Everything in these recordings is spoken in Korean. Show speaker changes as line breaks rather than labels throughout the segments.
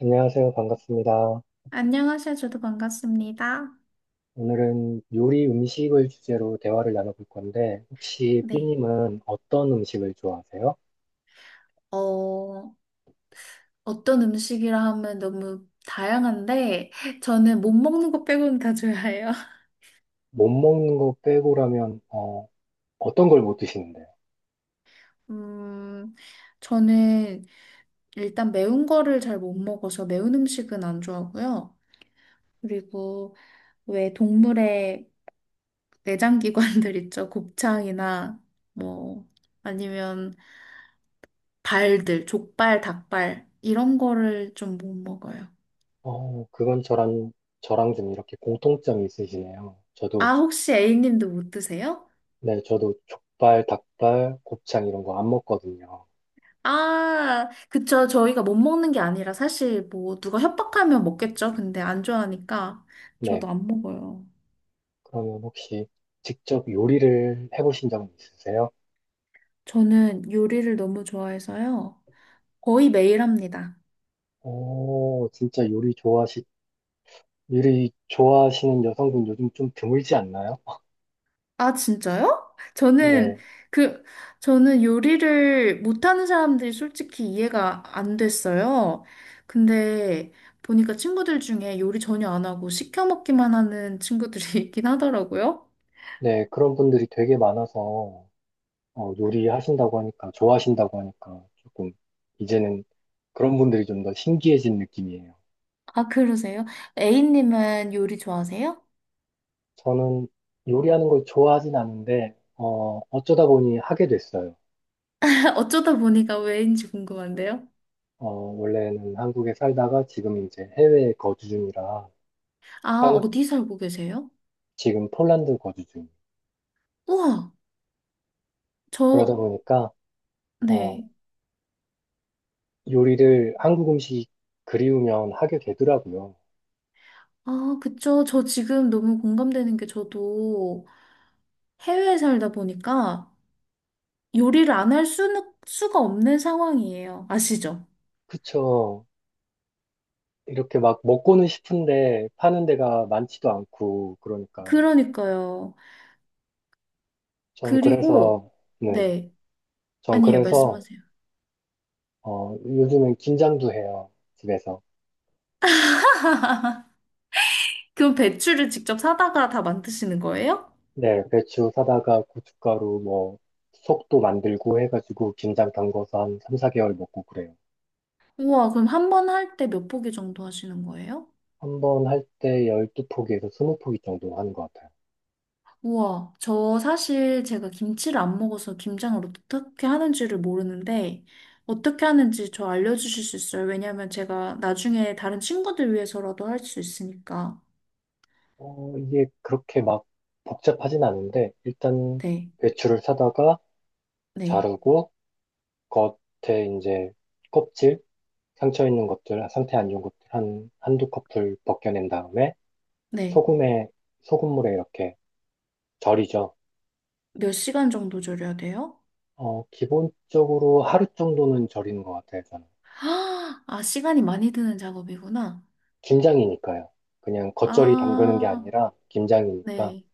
안녕하세요. 반갑습니다.
안녕하세요. 저도 반갑습니다.
오늘은 요리 음식을 주제로 대화를 나눠볼 건데, 혹시
네.
삐님은 어떤 음식을 좋아하세요?
어, 어떤 음식이라 하면 너무 다양한데, 저는 못 먹는 거 빼고는 다 좋아해요.
못 먹는 거 빼고라면, 떤 걸 못 드시는데요?
음, 저는 일단 매운 거를 잘 못 먹어서 매운 음식은 안 좋아하고요. 그리고 왜 동물의 내장기관들 있죠? 곱창이나 뭐, 아니면 발들, 족발, 닭발, 이런 거를 좀 못 먹어요.
그건 저랑 좀 이렇게 공통점이 있으시네요.
아, 혹시 A님도 못 드세요?
네, 저도 족발, 닭발, 곱창 이런 거 안 먹거든요.
아, 그쵸. 저희가 못 먹는 게 아니라 사실 뭐 누가 협박하면 먹겠죠. 근데 안 좋아하니까
네,
저도 안 먹어요.
그러면 혹시 직접 요리를 해보신 적은 있으세요?
저는 요리를 너무 좋아해서요. 거의 매일 합니다.
오, 진짜 요리 미리 좋아하시는 여성분 요즘 좀 드물지 않나요?
아, 진짜요? 저는
네,
그, 저는 요리를 못하는 사람들이 솔직히 이해가 안 됐어요. 근데 보니까 친구들 중에 요리 전혀 안 하고 시켜 먹기만 하는 친구들이 있긴 하더라고요.
네, 그런 분들이 되게 많아서 요리하신다고 하니까, 좋아하신다고 하니까 조금 이제는 그런 분들이 좀 더 신기해진 느낌이에요.
아, 그러세요? A님은 요리 좋아하세요?
저는 요리하는 걸 좋아하진 않은데 어쩌다 보니 하게 됐어요.
어쩌다 보니까 왜인지 궁금한데요.
원래는 한국에 살다가 지금 이제 해외에 거주 중이라
아,
한,
어디 살고 계세요?
지금 폴란드 거주 중.
우와,
그러다
저,
보니까 어,
네.
요리를 한국 음식이 그리우면 하게 되더라고요.
아, 그쵸. 저 지금 너무 공감되는 게 저도 해외에 살다 보니까 요리를 안 할 수는, 수가 없는 상황이에요. 아시죠?
그쵸. 이렇게 막 먹고는 싶은데 파는 데가 많지도 않고 그러니까
그러니까요.
전
그리고,
그래서 네,
네.
전
아니에요.
그래서
말씀하세요.
요즘엔 김장도 해요 집에서.
그럼 배추를 직접 사다가 다 만드시는 거예요?
네, 배추 사다가 고춧가루 뭐 속도 만들고 해가지고 김장 담궈서 한 3, 4개월 먹고 그래요.
우와, 그럼 한 번 할 때 몇 포기 정도 하시는 거예요?
한 번 할 때 12포기에서 20포기 정도 하는 것 같아요.
우와, 저 사실 제가 김치를 안 먹어서 김장을 어떻게 하는지를 모르는데, 어떻게 하는지 저 알려주실 수 있어요? 왜냐면 제가 나중에 다른 친구들 위해서라도 할 수 있으니까.
이게 그렇게 막 복잡하진 않은데 일단
네,
배추를 사다가
네,
자르고 겉에 이제 껍질, 상처 있는 것들, 상태 안 좋은 것들 한두 커플 벗겨낸 다음에
네.
소금에, 소금물에 이렇게 절이죠.
몇 시간 정도 절여야 돼요?
기본적으로 하루 정도는 절이는 것 같아요, 저는.
아, 아, 시간이 많이 드는 작업이구나.
김장이니까요. 그냥 겉절이 담그는 게
아,
아니라 김장이니까
네.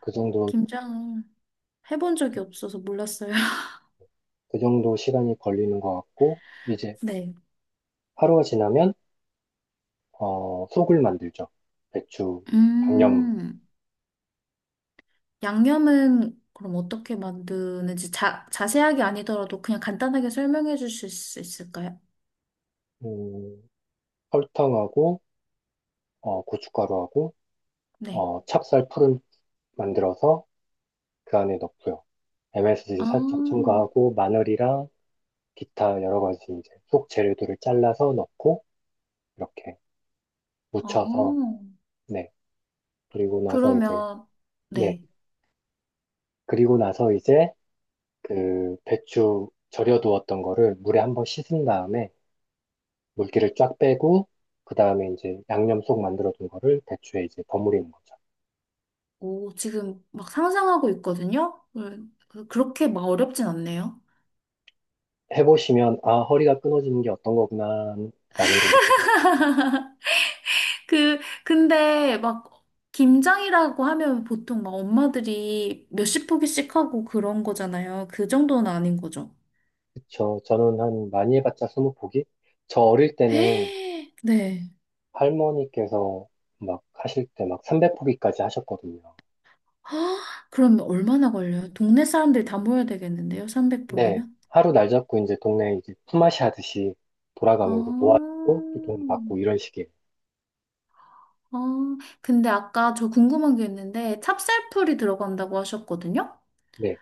그 정도,
김장 해본 적이 없어서 몰랐어요.
그 정도 시간이 걸리는 것 같고, 이제
네.
하루가 지나면, 속을 만들죠. 배추, 양념,
음. 양념은 그럼 어떻게 만드는지 자, 자세하게 아니더라도 그냥 간단하게 설명해 주실 수 있을까요?
음, 설탕하고, 고춧가루하고,
네.
찹쌀 풀을 만들어서 그 안에 넣고요. MSG
아,
살짝 첨가하고 마늘이랑 기타 여러 가지 이제 속 재료들을 잘라서 넣고 이렇게 무쳐서
어,
네. 그리고 나서 이제
그러면,
네.
네.
그리고 나서 이제 그 배추 절여두었던 거를 물에 한번 씻은 다음에 물기를 쫙 빼고 그 다음에 이제 양념 속 만들어둔 거를 배추에 이제 버무리는 거죠.
오, 지금 막 상상하고 있거든요? 그렇게 막 어렵진 않네요.
해보시면 아 허리가 끊어지는 게 어떤 거구나 라는 걸 느끼실 수
그, 근데 막 김장이라고 하면 보통 막 엄마들이 몇십 포기씩 하고 그런 거잖아요. 그 정도는 아닌 거죠.
그쵸. 저는 한 많이 해봤자 20포기? 저 어릴 때는
헤, 네.
할머니께서 막 하실 때 막 300포기까지 하셨거든요.
헉, 그럼 얼마나 걸려요? 동네 사람들 다 모여야 되겠는데요?
네.
300복이면?
하루 날 잡고 이제 동네 이제 품앗이 하듯이 돌아가면서
아,
도와주고 또 돈 받고 이런 식이에요.
아, 근데 아까 저 궁금한 게 있는데 찹쌀풀이 들어간다고 하셨거든요?
네.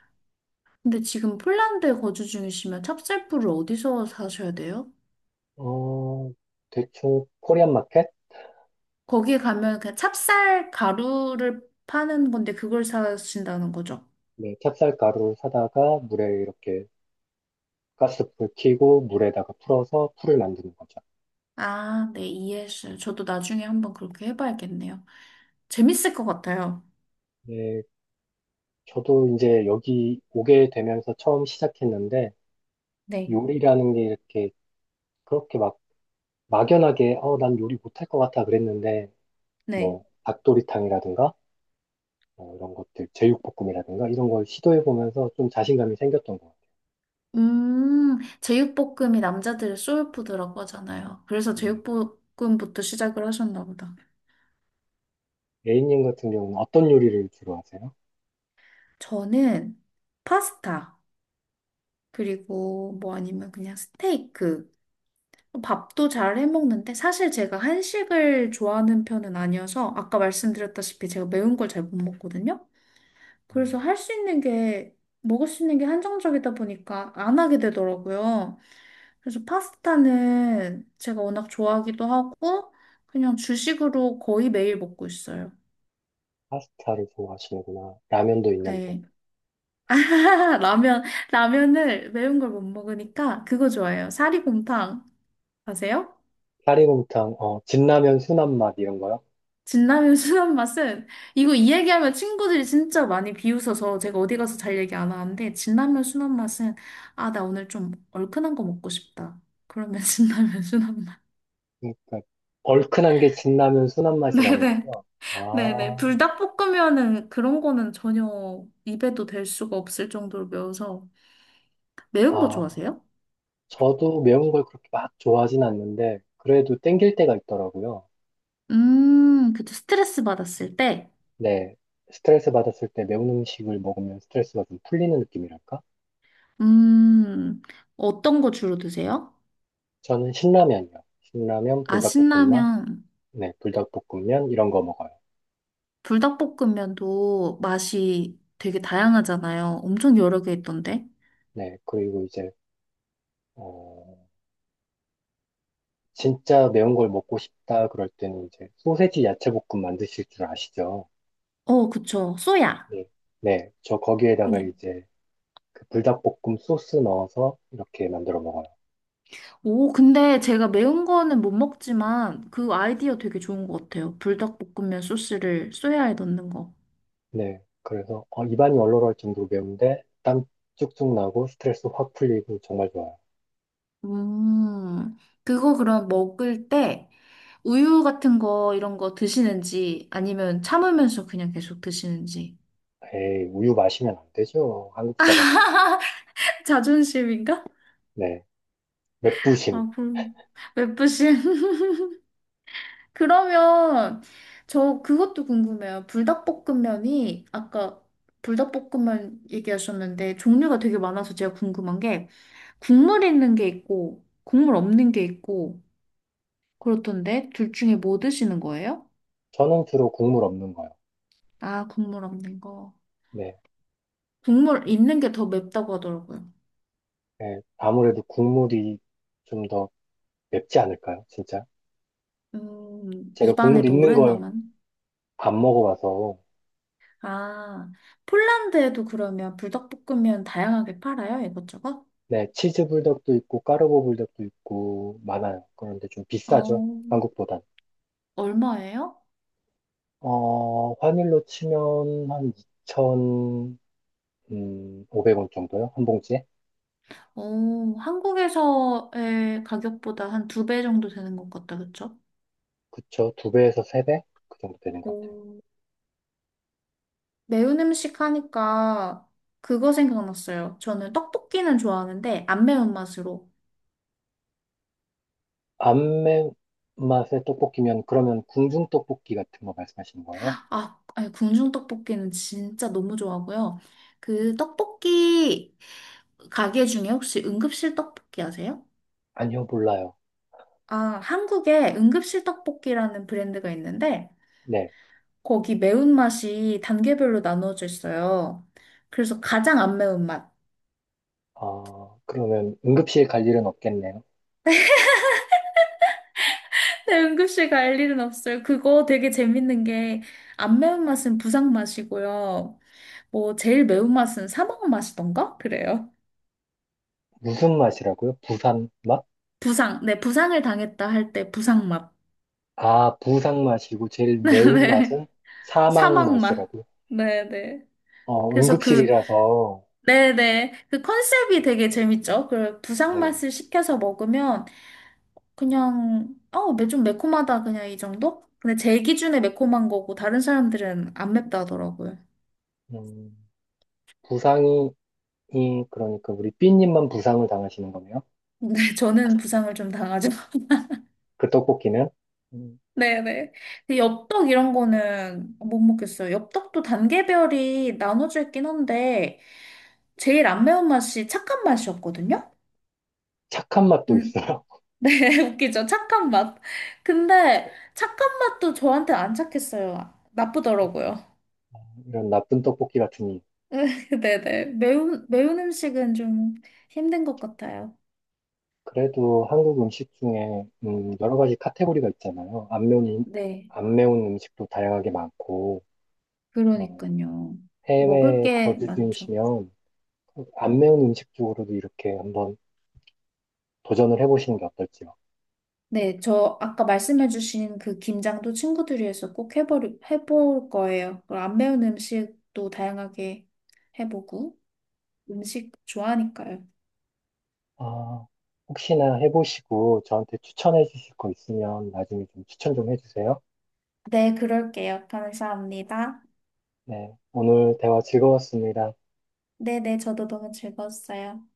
근데 지금 폴란드에 거주 중이시면 찹쌀풀을 어디서 사셔야 돼요?
어, 대충 코리안 마켓?
거기에 가면 그냥 찹쌀 가루를 파는 건데 그걸 사신다는 거죠?
네. 찹쌀가루를 사다가 물에 이렇게 가스불 켜고 물에다가 풀어서 풀을 만드는 거죠.
아, 네, 이해했어요. 저도 나중에 한번 그렇게 해봐야겠네요. 재밌을 것 같아요.
네. 저도 이제 여기 오게 되면서 처음 시작했는데
네,
요리라는 게 이렇게 그렇게 막 막연하게 난 요리 못할 것 같아 그랬는데
네.
뭐 닭도리탕이라든가 뭐 이런 것들 제육볶음이라든가 이런 걸 시도해 보면서 좀 자신감이 생겼던 것 같아요.
제육볶음이 남자들의 소울푸드라고 하잖아요. 그래서
네.
제육볶음부터 시작을 하셨나 보다.
A님 같은 경우는 어떤 요리를 주로 하세요?
저는 파스타, 그리고 뭐 아니면 그냥 스테이크. 뭐 밥도 잘 해먹는데 사실 제가 한식을 좋아하는 편은 아니어서 아까 말씀드렸다시피 제가 매운 걸 잘 못 먹거든요. 그래서
음.
할 수 있는 게, 먹을 수 있는 게 한정적이다 보니까 안 하게 되더라고요. 그래서 파스타는 제가 워낙 좋아하기도 하고, 그냥 주식으로 거의 매일 먹고 있어요.
파스타를 좋아하시는구나. 라면도 있는데
네. 라면, 라면을 매운 걸 못 먹으니까 그거 좋아해요. 사리곰탕. 아세요?
사리곰탕, 진라면 순한 맛 이런 거요?
진라면 순한 맛은, 이거 이 얘기하면 친구들이 진짜 많이 비웃어서 제가 어디 가서 잘 얘기 안 하는데, 진라면 순한 맛은, 아, 나 오늘 좀 얼큰한 거 먹고 싶다. 그러면 진라면 순한 맛.
그러니까 얼큰한 게 진라면 순한 맛이라는
네네.
거죠?
네네.
아,
불닭볶음면은 그런 거는 전혀 입에도 댈 수가 없을 정도로 매워서. 매운 거
아,
좋아하세요?
저도 매운 걸 그렇게 막 좋아하진 않는데 그래도 땡길 때가 있더라고요.
그쵸. 스트레스 받았을 때,
네, 스트레스 받았을 때 매운 음식을 먹으면 스트레스가 좀 풀리는 느낌이랄까?
음, 어떤 거 주로 드세요?
저는 신라면이요. 신라면,
아,
불닭볶음밥,
신라면,
네, 불닭볶음면 이런 거 먹어요.
불닭볶음면도 맛이 되게 다양하잖아요. 엄청 여러 개 있던데.
네, 그리고 이제 어, 진짜 매운 걸 먹고 싶다 그럴 때는 이제 소세지 야채볶음 만드실 줄 아시죠?
어, 그쵸. 쏘야.
네, 네, 저 거기에다가
네.
이제 그 불닭볶음 소스 넣어서 이렇게 만들어 먹어요.
오, 근데 제가 매운 거는 못 먹지만 그 아이디어 되게 좋은 것 같아요. 불닭볶음면 소스를 쏘야에 넣는 거.
네, 그래서 입안이 얼얼할 정도로 매운데 땀 쭉쭉 나고 스트레스 확 풀리고 정말 좋아요.
음, 그거 그럼 먹을 때 우유 같은 거 이런 거 드시는지 아니면 참으면서 그냥 계속 드시는지.
에이, 우유 마시면 안 되죠. 한국 사람.
자존심인가?
네. 맵부심.
아, 그럼 맵부심. 그러면 저 그것도 궁금해요. 불닭볶음면이 아까 불닭볶음면 얘기하셨는데 종류가 되게 많아서 제가 궁금한 게 국물 있는 게 있고 국물 없는 게 있고 그렇던데 둘 중에 뭐 드시는 거예요?
저는 주로 국물 없는 거요.
아, 국물 없는 거.
네.
국물 있는 게 더 맵다고 하더라고요.
네. 아무래도 국물이 좀 더 맵지 않을까요? 진짜? 제가
입안에
국물
더
있는
오래
걸
남은.
안 먹어봐서.
아, 폴란드에도 그러면 불닭볶음면 다양하게 팔아요? 이것저것?
네. 치즈 불닭도 있고, 까르보 불닭도 있고, 많아요. 그런데 좀 비싸죠.
어,
한국보단.
얼마예요?
환율로 치면 한 2,500원 정도요? 한 봉지에?
어, 한국에서의 가격보다 한 두 배 정도 되는 것 같다, 그쵸?
그쵸. 2배에서 3배? 그 정도 되는 것 같아요.
오, 매운 음식 하니까 그거 생각났어요. 저는 떡볶이는 좋아하는데 안 매운 맛으로.
안 매운 맛의 떡볶이면 그러면 궁중 떡볶이 같은 거 말씀하시는 거예요?
아, 아니, 궁중 떡볶이는 진짜 너무 좋아하고요. 그 떡볶이 가게 중에 혹시 응급실 떡볶이 아세요?
아니요, 몰라요.
아, 한국에 응급실 떡볶이라는 브랜드가 있는데
네.
거기 매운맛이 단계별로 나눠져 있어요. 그래서 가장 안 매운맛.
아, 그러면 응급실 갈 일은 없겠네요.
네, 응급실 갈 일은 없어요. 그거 되게 재밌는 게 안 매운맛은 부상맛이고요. 뭐 제일 매운맛은 사망맛이던가? 그래요.
무슨 맛이라고요? 부산 맛?
부상. 네, 부상을 당했다 할 때 부상맛.
아, 부산 맛이고 제일 매운
네네.
맛은 사망
사막맛.
맛이라고요?
네네. 그래서 그,
응급실이라서
네네. 그 컨셉이 되게 재밌죠? 그
네.
부상맛을 시켜서 먹으면 그냥, 어, 매- 좀 매콤하다. 그냥 이 정도? 근데 제 기준에 매콤한 거고 다른 사람들은 안 맵다더라고요. 하
음, 부상이 그러니까 우리 삐님만 부상을 당하시는 거네요.
근데 저는 부상을 좀 당하죠.
그 떡볶이는 음,
네네. 근데 엽떡 이런 거는 못 먹겠어요. 엽떡도 단계별이 나눠져 있긴 한데 제일 안 매운 맛이 착한 맛이었거든요?
착한 맛도
음,
있어요.
네, 웃기죠. 착한 맛. 근데 착한 맛도 저한테 안 착했어요. 나쁘더라고요.
이런 나쁜 떡볶이 같은
네네. 매운 음식은 좀 힘든 것 같아요.
그래도 한국 음식 중에 여러 가지 카테고리가 있잖아요.
네.
안 매운 음식도 다양하게 많고, 어,
그러니까요. 먹을
해외
게
거주
많죠.
중이시면 안 매운 음식 쪽으로도 이렇게 한번 도전을 해보시는 게 어떨지요?
네, 저 아까 말씀해주신 그 김장도 친구들이 해서 꼭 해볼 거예요. 그리고 안 매운 음식도 다양하게 해보고 음식 좋아하니까요.
아, 혹시나 해보시고 저한테 추천해 주실 거 있으면 나중에 좀 추천 좀 해주세요.
네, 그럴게요. 감사합니다.
네, 오늘 대화 즐거웠습니다.
네네, 저도 너무 즐거웠어요.